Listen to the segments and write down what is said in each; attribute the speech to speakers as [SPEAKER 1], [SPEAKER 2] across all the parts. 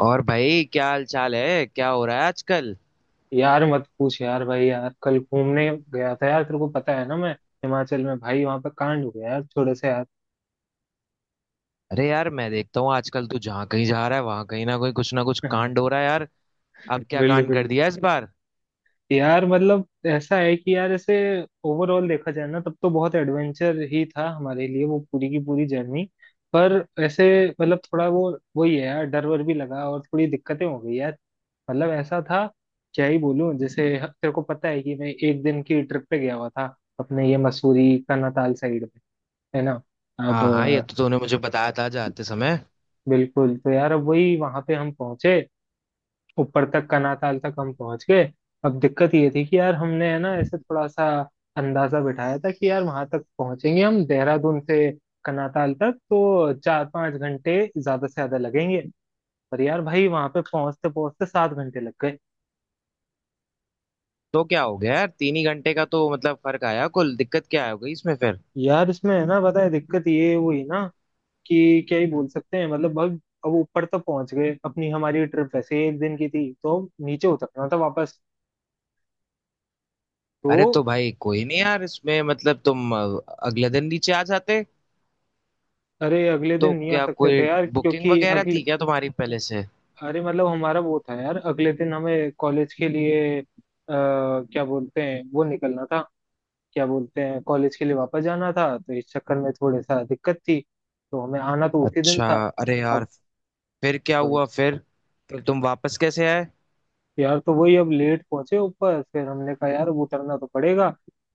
[SPEAKER 1] और भाई, क्या हाल चाल है? क्या हो रहा है आजकल?
[SPEAKER 2] यार मत पूछ यार। भाई यार कल घूमने गया था यार, तेरे को पता है ना, मैं हिमाचल में। भाई वहां पे कांड हो गया यार थोड़े से यार।
[SPEAKER 1] अरे यार, मैं देखता हूँ आजकल तू जहाँ कहीं जा रहा है, वहां कहीं ना कहीं कुछ ना कुछ कांड हो रहा है यार। अब क्या कांड कर
[SPEAKER 2] बिल्कुल।
[SPEAKER 1] दिया इस बार?
[SPEAKER 2] यार मतलब ऐसा है कि यार ऐसे ओवरऑल देखा जाए ना, तब तो बहुत एडवेंचर ही था हमारे लिए वो पूरी की पूरी जर्नी। पर ऐसे मतलब थोड़ा वो, वही है यार, डर वर भी लगा और थोड़ी दिक्कतें हो गई यार। मतलब ऐसा था, क्या ही बोलूं। जैसे तेरे को पता है कि मैं एक दिन की ट्रिप पे गया हुआ था अपने ये मसूरी का नताल साइड में, है ना। अब
[SPEAKER 1] हाँ हाँ, ये तो तूने मुझे बताया था जाते समय।
[SPEAKER 2] बिल्कुल, तो यार अब वही वहां पे हम पहुंचे, ऊपर तक कनाताल तक हम पहुंच गए। अब दिक्कत ये थी कि यार हमने है ना ऐसे थोड़ा सा अंदाजा बिठाया था कि यार वहां तक पहुंचेंगे हम देहरादून से कनाताल तक तो चार पांच घंटे ज्यादा से ज्यादा लगेंगे, पर यार भाई वहां पे पहुंचते पहुंचते सात घंटे लग गए।
[SPEAKER 1] तो क्या हो गया यार? तीन ही घंटे का तो मतलब फर्क आया। कुल दिक्कत क्या हो गई इसमें फिर?
[SPEAKER 2] यार इसमें है ना, पता है दिक्कत ये हुई ना कि क्या ही बोल सकते हैं, मतलब अब ऊपर तक पहुंच गए, अपनी हमारी ट्रिप वैसे ही एक दिन की थी, तो नीचे उतरना था वापस तो।
[SPEAKER 1] अरे तो भाई, कोई नहीं यार, इसमें मतलब तुम अगले दिन नीचे आ जाते।
[SPEAKER 2] अरे अगले दिन
[SPEAKER 1] तो
[SPEAKER 2] नहीं आ
[SPEAKER 1] क्या
[SPEAKER 2] सकते
[SPEAKER 1] कोई
[SPEAKER 2] थे यार,
[SPEAKER 1] बुकिंग
[SPEAKER 2] क्योंकि
[SPEAKER 1] वगैरह
[SPEAKER 2] अगले,
[SPEAKER 1] थी क्या तुम्हारी पहले से?
[SPEAKER 2] अरे मतलब हमारा वो था यार, अगले दिन हमें कॉलेज के लिए क्या बोलते हैं, वो निकलना था, क्या बोलते हैं कॉलेज के लिए वापस जाना था, तो इस चक्कर में थोड़ी सा दिक्कत थी। तो हमें आना तो उसी दिन
[SPEAKER 1] अच्छा।
[SPEAKER 2] था।
[SPEAKER 1] अरे यार,
[SPEAKER 2] अब
[SPEAKER 1] फिर क्या हुआ? फिर तुम वापस कैसे आए?
[SPEAKER 2] यार, तो वही अब लेट पहुंचे ऊपर, फिर हमने कहा यार अब उतरना तो पड़ेगा।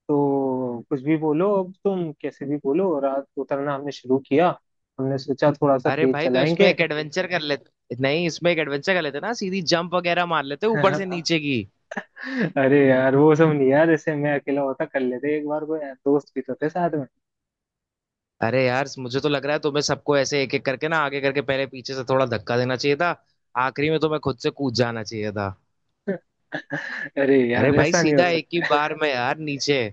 [SPEAKER 2] तो कुछ भी बोलो, अब तुम कैसे भी बोलो, रात उतरना हमने शुरू किया। हमने सोचा थोड़ा सा
[SPEAKER 1] अरे
[SPEAKER 2] तेज
[SPEAKER 1] भाई, तो इसमें
[SPEAKER 2] चलाएंगे।
[SPEAKER 1] एक एडवेंचर कर लेते, नहीं, इसमें एक एडवेंचर कर लेते ना, सीधी जंप वगैरह मार लेते ऊपर से नीचे की।
[SPEAKER 2] अरे यार वो सब नहीं यार, ऐसे मैं अकेला होता कर लेते एक बार को यार, दोस्त भी तो थे साथ में।
[SPEAKER 1] अरे यार, मुझे तो लग रहा है तुम्हें सबको ऐसे एक एक करके ना आगे करके, पहले पीछे से थोड़ा धक्का देना चाहिए था। आखिरी में तुम्हें खुद से कूद जाना चाहिए था।
[SPEAKER 2] अरे
[SPEAKER 1] अरे
[SPEAKER 2] यार
[SPEAKER 1] भाई,
[SPEAKER 2] ऐसा नहीं हो
[SPEAKER 1] सीधा एक ही
[SPEAKER 2] सकता।
[SPEAKER 1] बिल्कुल बार में यार नीचे।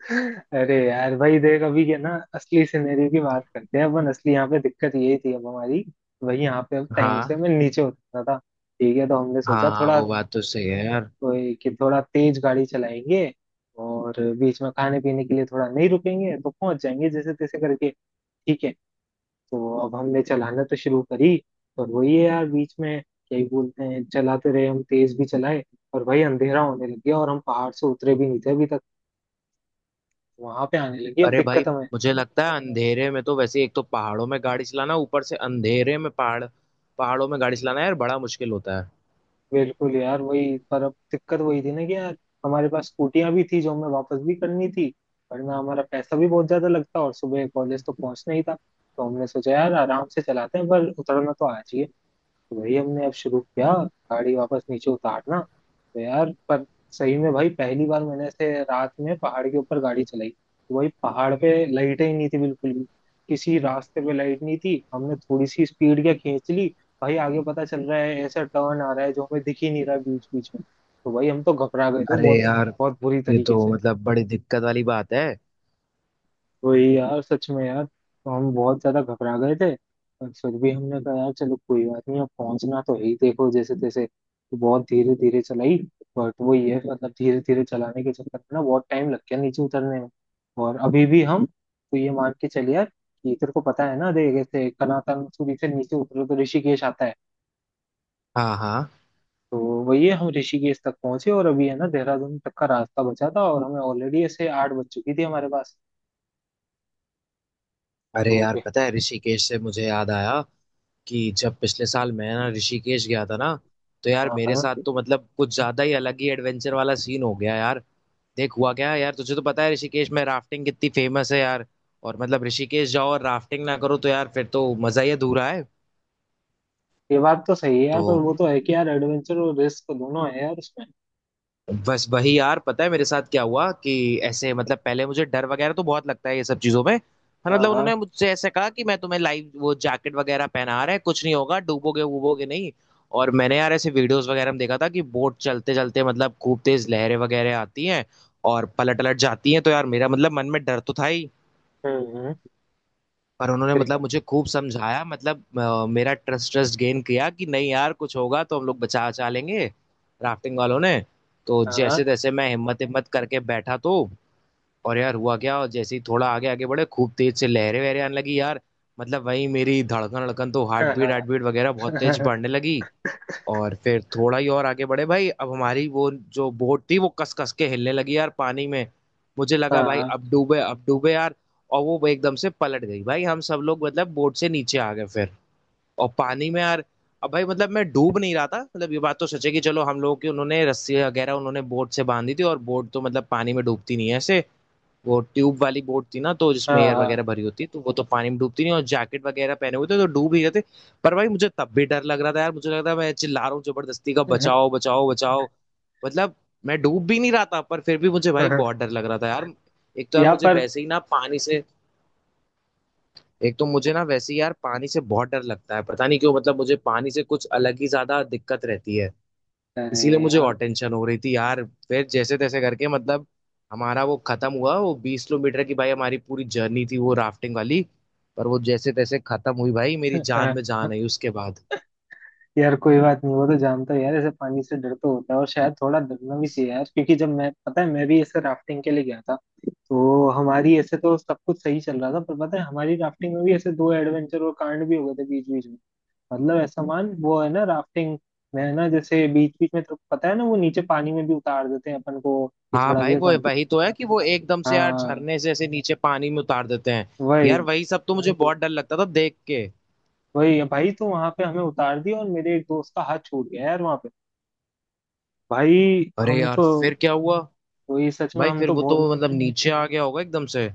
[SPEAKER 2] अरे यार भाई देख, अभी क्या ना, असली सिनेरियो की बात करते हैं अपन। असली यहाँ पे दिक्कत यही थी अब हमारी, भाई यहाँ पे अब टाइम से
[SPEAKER 1] हाँ
[SPEAKER 2] मैं नीचे उतरना था। ठीक है, तो हमने सोचा
[SPEAKER 1] हाँ हाँ,
[SPEAKER 2] थोड़ा,
[SPEAKER 1] वो बात तो सही है यार।
[SPEAKER 2] कि थोड़ा तेज गाड़ी चलाएंगे और बीच में खाने पीने के लिए थोड़ा नहीं रुकेंगे, तो पहुंच जाएंगे जैसे तैसे करके। ठीक है, तो अब हमने चलाना तो शुरू करी और वही है यार, बीच में क्या ही बोलते हैं, चलाते रहे हम, तेज भी चलाए। और भाई अंधेरा होने लग गया और हम पहाड़ से उतरे भी नहीं थे अभी तक। वहां पे आने लगी अब
[SPEAKER 1] अरे भाई,
[SPEAKER 2] दिक्कत हमें।
[SPEAKER 1] मुझे लगता है अंधेरे में तो वैसे, एक तो पहाड़ों में गाड़ी चलाना, ऊपर से अंधेरे में पहाड़, पहाड़ों में गाड़ी चलाना यार बड़ा मुश्किल होता है।
[SPEAKER 2] बिल्कुल यार, वही पर अब दिक्कत वही थी ना कि यार हमारे पास स्कूटियां भी थी जो हमें वापस भी करनी थी, वरना हमारा पैसा भी बहुत ज्यादा लगता, और सुबह कॉलेज तो पहुंचना ही था। तो हमने सोचा यार आराम से चलाते हैं, पर उतरना तो आज ही है। वही हमने अब शुरू किया, गाड़ी वापस नीचे उतारना, तो यार पर सही में भाई पहली बार मैंने ऐसे रात में पहाड़ के ऊपर गाड़ी चलाई, तो वही पहाड़ पे लाइटें ही नहीं थी बिल्कुल भी। किसी रास्ते पे लाइट नहीं थी। हमने थोड़ी सी स्पीड क्या खींच ली, भाई आगे पता चल रहा है ऐसा टर्न आ रहा है जो हमें दिख ही नहीं रहा बीच बीच में, तो भाई हम तो घबरा गए थे
[SPEAKER 1] अरे
[SPEAKER 2] बहुत।
[SPEAKER 1] यार,
[SPEAKER 2] बहुत बुरी
[SPEAKER 1] ये
[SPEAKER 2] तरीके से।
[SPEAKER 1] तो मतलब बड़ी दिक्कत वाली बात है।
[SPEAKER 2] वही यार, सच में यार, तो हम बहुत ज्यादा घबरा गए थे। पर फिर भी हमने कहा यार चलो कोई बात नहीं, अब पहुंचना तो है ही, देखो जैसे तैसे, तो बहुत धीरे धीरे चलाई। बट वो ये है, मतलब धीरे धीरे चलाने के चक्कर में ना बहुत टाइम लग गया नीचे उतरने में। और अभी भी हम तो, ये मान के चलिए यार कि तेरे को पता है ना, देख ऐसे कनातन सूरी से नीचे उतरो तो ऋषिकेश आता है।
[SPEAKER 1] हाँ हाँ।
[SPEAKER 2] तो वही है, हम ऋषिकेश तक पहुंचे और अभी है ना देहरादून तक का रास्ता बचा था, और हमें ऑलरेडी ऐसे आठ बज चुकी थी हमारे पास
[SPEAKER 1] अरे
[SPEAKER 2] तो।
[SPEAKER 1] यार, पता है, ऋषिकेश से मुझे याद आया कि जब पिछले साल मैं ना ऋषिकेश गया था ना, तो यार
[SPEAKER 2] हाँ
[SPEAKER 1] मेरे
[SPEAKER 2] हाँ।
[SPEAKER 1] साथ तो मतलब कुछ ज्यादा ही अलग ही एडवेंचर वाला सीन हो गया यार। देख, हुआ क्या है यार, तुझे तो पता है ऋषिकेश में राफ्टिंग कितनी फेमस है यार। और मतलब ऋषिकेश जाओ और राफ्टिंग ना करो तो यार फिर तो मजा ही अधूरा है।
[SPEAKER 2] ये बात तो सही है यार,
[SPEAKER 1] तो
[SPEAKER 2] पर वो तो है कि यार एडवेंचर और रिस्क दोनों है यार उसमें।
[SPEAKER 1] बस वही यार, पता है मेरे साथ क्या हुआ कि ऐसे मतलब पहले मुझे डर वगैरह तो बहुत लगता है ये सब चीजों में। हाँ,
[SPEAKER 2] हाँ
[SPEAKER 1] मतलब
[SPEAKER 2] हाँ।
[SPEAKER 1] उन्होंने मुझसे ऐसे कहा कि मैं तुम्हें लाइव वो जैकेट वगैरह पहना रहे हैं, कुछ नहीं होगा, डूबोगे वूबोगे नहीं। और मैंने यार ऐसे वीडियोस वगैरह में देखा था कि बोट चलते चलते मतलब खूब तेज लहरें वगैरह आती हैं और पलट पलट जाती हैं। तो यार मेरा मतलब मन में डर तो था ही।
[SPEAKER 2] हम्म हम्म,
[SPEAKER 1] पर उन्होंने
[SPEAKER 2] फिर क्या।
[SPEAKER 1] मतलब मुझे खूब समझाया, मतलब मेरा ट्रस्ट ट्रस्ट गेन किया कि नहीं यार, कुछ होगा तो हम लोग बचा बचा लेंगे, राफ्टिंग वालों ने। तो
[SPEAKER 2] हाँ
[SPEAKER 1] जैसे तैसे मैं हिम्मत हिम्मत करके बैठा तो। और यार हुआ क्या, और जैसे ही थोड़ा आगे आगे बढ़े, खूब तेज से लहरें वहरें आने लगी यार। मतलब वही, मेरी धड़कन धड़कन तो,
[SPEAKER 2] हाँ। हाँ।
[SPEAKER 1] हार्ट बीट वगैरह बहुत तेज बढ़ने लगी। और फिर थोड़ा ही और आगे बढ़े भाई, अब हमारी वो जो बोट थी वो कस कस के हिलने लगी यार पानी में। मुझे लगा भाई,
[SPEAKER 2] हाँ।
[SPEAKER 1] अब डूबे यार। और वो एकदम से पलट गई भाई, हम सब लोग मतलब बोट से नीचे आ गए फिर, और पानी में यार। अब भाई मतलब मैं डूब नहीं रहा था। मतलब ये बात तो सच है कि चलो, हम लोगों की उन्होंने रस्सी वगैरह उन्होंने बोट से बांधी थी, और बोट तो मतलब पानी में डूबती नहीं है ऐसे। वो ट्यूब वाली बोट थी ना, तो जिसमें एयर
[SPEAKER 2] हाँ
[SPEAKER 1] वगैरह भरी होती है तो वो तो पानी में डूबती नहीं, और जैकेट वगैरह पहने हुए थे तो डूब ही गए थे। पर भाई मुझे तब भी डर लग रहा था यार, मुझे लग रहा था मैं चिल्ला रहा हूँ जबरदस्ती का, बचाओ बचाओ बचाओ। मतलब, मैं डूब भी नहीं रहा था पर फिर भी मुझे भाई
[SPEAKER 2] हाँ।
[SPEAKER 1] बहुत डर लग रहा था यार। एक तो यार
[SPEAKER 2] यहाँ
[SPEAKER 1] मुझे
[SPEAKER 2] पर।
[SPEAKER 1] वैसे ही ना पानी से, एक तो मुझे ना वैसे ही यार पानी से बहुत डर लगता है, पता नहीं क्यों। मतलब मुझे पानी से कुछ अलग ही ज्यादा दिक्कत रहती है। इसीलिए
[SPEAKER 2] अरे।
[SPEAKER 1] मुझे और
[SPEAKER 2] हाँ
[SPEAKER 1] टेंशन हो रही थी यार। फिर जैसे तैसे करके मतलब हमारा वो खत्म हुआ। वो 20 किलोमीटर की भाई हमारी पूरी जर्नी थी वो राफ्टिंग वाली। पर वो जैसे तैसे खत्म हुई भाई, मेरी जान
[SPEAKER 2] हाँ।
[SPEAKER 1] में जान आई उसके बाद।
[SPEAKER 2] यार कोई बात नहीं, वो तो जानता है यार ऐसे पानी से डर तो होता है, और शायद थोड़ा डरना भी चाहिए यार। क्योंकि जब मैं, पता है मैं भी ऐसे राफ्टिंग के लिए गया था, तो हमारी ऐसे तो सब कुछ सही चल रहा था, पर पता है हमारी राफ्टिंग में भी ऐसे दो एडवेंचर और कांड भी हो गए थे बीच बीच में। मतलब ऐसा मान, वो है ना राफ्टिंग में है ना, जैसे बीच बीच में तो पता है ना, वो नीचे पानी में भी उतार देते हैं अपन को कि
[SPEAKER 1] हाँ
[SPEAKER 2] थोड़ा
[SPEAKER 1] भाई,
[SPEAKER 2] देर
[SPEAKER 1] वो
[SPEAKER 2] पानी।
[SPEAKER 1] वही तो है कि वो एकदम से यार
[SPEAKER 2] हाँ।
[SPEAKER 1] झरने से ऐसे नीचे पानी में उतार देते हैं।
[SPEAKER 2] वही।
[SPEAKER 1] यार वही सब तो मुझे बहुत डर लगता था देख के।
[SPEAKER 2] वही है भाई, तो वहां पे हमें उतार दिया और मेरे एक दोस्त का हाथ छूट गया यार वहां पे। भाई
[SPEAKER 1] अरे
[SPEAKER 2] हम
[SPEAKER 1] यार
[SPEAKER 2] तो,
[SPEAKER 1] फिर क्या हुआ?
[SPEAKER 2] वही सच में
[SPEAKER 1] भाई
[SPEAKER 2] हम
[SPEAKER 1] फिर
[SPEAKER 2] तो
[SPEAKER 1] वो तो
[SPEAKER 2] बहुत।
[SPEAKER 1] मतलब नीचे आ गया होगा एकदम से।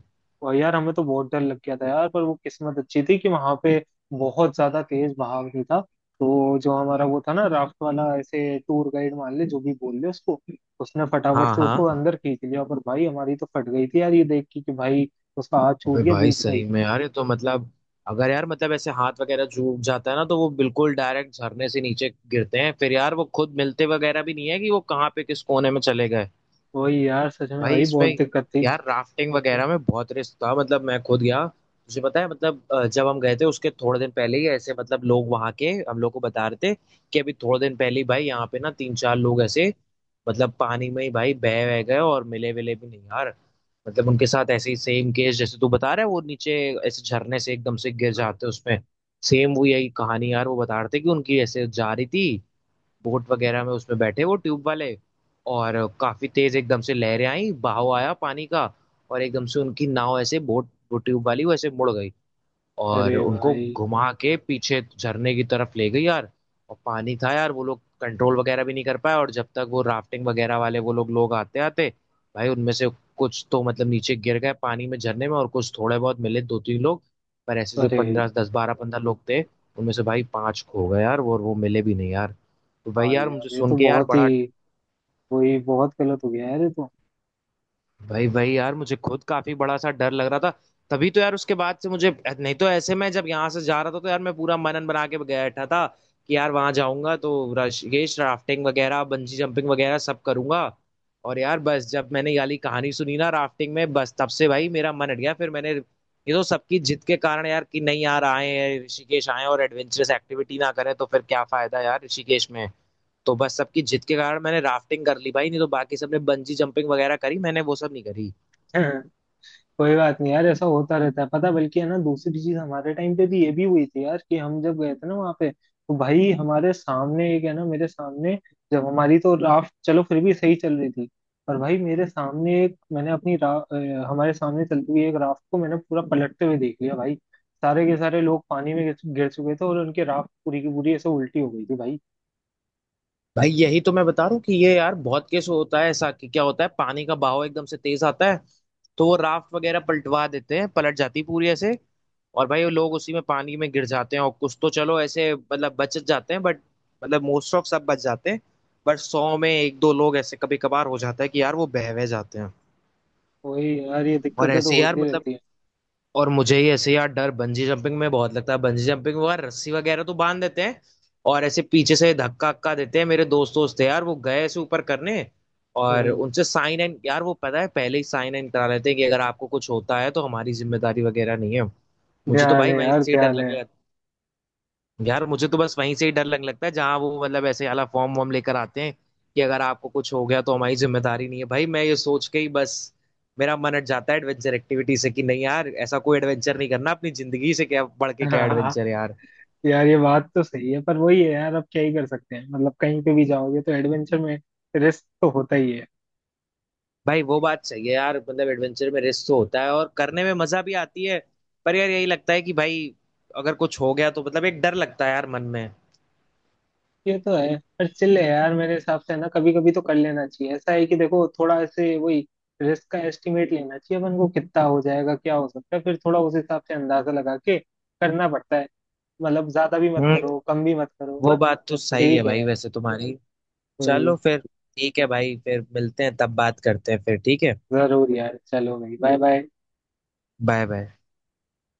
[SPEAKER 2] और यार हमें तो बहुत डर लग गया था यार, पर वो किस्मत अच्छी थी कि वहां पे बहुत ज्यादा तेज बहाव नहीं था। तो जो हमारा वो था ना राफ्ट वाला, ऐसे टूर गाइड मान ले जो भी बोल ले उसको, उसने फटाफट
[SPEAKER 1] हाँ
[SPEAKER 2] से उसको
[SPEAKER 1] हाँ।
[SPEAKER 2] अंदर खींच लिया। पर भाई हमारी तो फट गई थी यार ये देख के कि भाई उसका हाथ
[SPEAKER 1] अबे
[SPEAKER 2] छूट गया
[SPEAKER 1] भाई
[SPEAKER 2] बीच में
[SPEAKER 1] सही
[SPEAKER 2] ही।
[SPEAKER 1] में यार, ये तो मतलब, अगर यार मतलब ऐसे हाथ वगैरह चूक जाता है ना, तो वो बिल्कुल डायरेक्ट झरने से नीचे गिरते हैं फिर यार, वो खुद मिलते वगैरह भी नहीं है कि वो कहाँ पे किस कोने में चले गए।
[SPEAKER 2] वही यार, सच में
[SPEAKER 1] भाई
[SPEAKER 2] भाई
[SPEAKER 1] इसमें
[SPEAKER 2] बहुत दिक्कत थी।
[SPEAKER 1] यार राफ्टिंग वगैरह में बहुत रिस्क था। मतलब मैं खुद गया तुझे पता है, मतलब जब हम गए थे उसके थोड़े दिन पहले ही ऐसे मतलब लोग वहां के हम लोग को बता रहे थे कि अभी थोड़े दिन पहले ही भाई यहाँ पे ना तीन चार लोग ऐसे मतलब पानी में ही भाई बह बह गए और मिले विले भी नहीं यार। मतलब उनके साथ ऐसे ही सेम केस, जैसे तू बता रहा है, वो नीचे ऐसे झरने से एकदम से गिर जाते हैं उसमें। सेम वो यही कहानी यार वो बता रहे थे कि उनकी ऐसे जा रही थी बोट वगैरह में, उसमें बैठे वो ट्यूब वाले, और काफी तेज एकदम से लहरें आई, बहाव आया पानी का, और एकदम से उनकी नाव ऐसे, बोट, वो ट्यूब वाली वैसे मुड़ गई, और
[SPEAKER 2] अरे
[SPEAKER 1] उनको
[SPEAKER 2] भाई।
[SPEAKER 1] घुमा के पीछे झरने की तरफ ले गई यार। और पानी था यार, वो लोग कंट्रोल वगैरह भी नहीं कर पाए, और जब तक वो राफ्टिंग वगैरह वाले वो लोग लोग आते आते, भाई उनमें से कुछ तो मतलब नीचे गिर गए पानी में, झरने में, और कुछ थोड़े बहुत मिले, दो तीन लोग। पर ऐसे जो
[SPEAKER 2] अरे
[SPEAKER 1] 15 10 12 15 लोग थे, उनमें से भाई पांच खो गए यार, और वो मिले भी नहीं यार। तो भाई
[SPEAKER 2] भाई
[SPEAKER 1] यार मुझे
[SPEAKER 2] यार ये
[SPEAKER 1] सुन
[SPEAKER 2] तो
[SPEAKER 1] के यार
[SPEAKER 2] बहुत
[SPEAKER 1] बड़ा,
[SPEAKER 2] ही, वही बहुत गलत हो गया यार ये तो।
[SPEAKER 1] भाई भाई यार मुझे खुद काफी बड़ा सा डर लग रहा था। तभी तो यार उसके बाद से मुझे, नहीं तो ऐसे में जब यहाँ से जा रहा था तो यार मैं पूरा मनन बना के बैठा था कि यार वहां जाऊंगा तो ये राफ्टिंग वगैरह, बंजी जंपिंग वगैरह सब करूंगा। और यार बस जब मैंने ये वाली कहानी सुनी ना राफ्टिंग में, बस तब से भाई मेरा मन हट गया। फिर मैंने ये तो सबकी जिद के कारण यार, कि नहीं यार, आए ऋषिकेश आए और एडवेंचरस एक्टिविटी ना करें तो फिर क्या फायदा यार ऋषिकेश में। तो बस सबकी जिद के कारण मैंने राफ्टिंग कर ली भाई, नहीं तो बाकी सबने बंजी जंपिंग वगैरह करी, मैंने वो सब नहीं करी।
[SPEAKER 2] कोई बात नहीं यार, ऐसा होता रहता है। पता, बल्कि है ना दूसरी चीज हमारे टाइम पे भी ये भी हुई थी यार कि हम जब गए थे ना वहाँ पे, तो भाई हमारे सामने एक है ना, मेरे सामने जब हमारी तो राफ्ट चलो फिर भी सही चल रही थी, पर भाई मेरे सामने एक मैंने अपनी हमारे सामने चलती हुई एक राफ्ट को मैंने पूरा पलटते हुए देख लिया भाई। सारे के सारे लोग पानी में गिर चुके थे और उनकी राफ्ट पूरी की पूरी ऐसे उल्टी हो गई थी भाई।
[SPEAKER 1] भाई यही तो मैं बता रहा हूँ कि ये यार बहुत केस होता है ऐसा, कि क्या होता है, पानी का बहाव एकदम से तेज आता है, तो वो राफ्ट वगैरह पलटवा देते हैं, पलट जाती है पूरी ऐसे, और भाई वो लोग उसी में पानी में गिर जाते हैं। और कुछ तो चलो ऐसे मतलब बच जाते हैं, बट मतलब मोस्ट ऑफ सब बच जाते हैं, बट 100 में एक दो लोग ऐसे कभी कभार हो जाता है कि यार वो बह बह जाते हैं।
[SPEAKER 2] तो वही यार, ये
[SPEAKER 1] और
[SPEAKER 2] दिक्कतें तो
[SPEAKER 1] ऐसे यार
[SPEAKER 2] होती
[SPEAKER 1] मतलब,
[SPEAKER 2] रहती है।
[SPEAKER 1] और मुझे ही ऐसे यार डर बंजी जंपिंग में बहुत लगता है। बंजी जंपिंग में यार रस्सी वगैरह तो बांध देते हैं, और ऐसे पीछे से धक्का अक्का देते हैं। मेरे दोस्त दोस्त थे यार, वो गए ऐसे ऊपर करने, और
[SPEAKER 2] हम्म।
[SPEAKER 1] उनसे साइन इन यार, वो पता है पहले ही साइन इन करा लेते हैं कि अगर आपको कुछ होता है तो हमारी जिम्मेदारी वगैरह नहीं है। मुझे तो
[SPEAKER 2] ध्यान
[SPEAKER 1] भाई
[SPEAKER 2] है
[SPEAKER 1] वहीं
[SPEAKER 2] यार,
[SPEAKER 1] से ही डर
[SPEAKER 2] ध्यान
[SPEAKER 1] लगने लगता है। यार मुझे तो बस वहीं से ही डर लगने लगता है, जहां वो मतलब ऐसे वाला फॉर्म वॉर्म लेकर आते हैं कि अगर आपको कुछ हो गया तो हमारी जिम्मेदारी नहीं है। भाई मैं ये सोच के ही बस मेरा मन हट जाता है एडवेंचर एक्टिविटी से, कि नहीं यार, ऐसा कोई एडवेंचर नहीं करना। अपनी जिंदगी से क्या बढ़ के क्या
[SPEAKER 2] है।
[SPEAKER 1] एडवेंचर यार।
[SPEAKER 2] यार ये बात तो सही है, पर वही है यार अब क्या ही कर सकते हैं, मतलब कहीं पे भी जाओगे तो एडवेंचर में रिस्क तो होता ही है।
[SPEAKER 1] भाई वो बात सही है यार, मतलब एडवेंचर में रिस्क तो होता है और करने में मजा भी आती है, पर यार यही लगता है कि भाई अगर कुछ हो गया तो मतलब एक डर लगता है यार मन में।
[SPEAKER 2] ये तो है, पर चिल है यार। मेरे हिसाब से ना कभी कभी तो कर लेना चाहिए। ऐसा है कि देखो, थोड़ा ऐसे वही रिस्क का एस्टिमेट लेना चाहिए अपन को, कितना हो जाएगा, क्या हो सकता है, फिर थोड़ा उस हिसाब से अंदाजा लगा के करना पड़ता है। मतलब ज्यादा भी मत
[SPEAKER 1] हम्म,
[SPEAKER 2] करो, कम भी मत करो,
[SPEAKER 1] वो
[SPEAKER 2] बस।
[SPEAKER 1] बात तो सही है
[SPEAKER 2] ठीक है
[SPEAKER 1] भाई
[SPEAKER 2] यार।
[SPEAKER 1] वैसे तुम्हारी। चलो
[SPEAKER 2] वही।
[SPEAKER 1] फिर, ठीक है भाई, फिर मिलते हैं, तब बात करते हैं फिर, ठीक है?
[SPEAKER 2] जरूर यार, चलो भाई, बाय बाय।
[SPEAKER 1] Bye bye.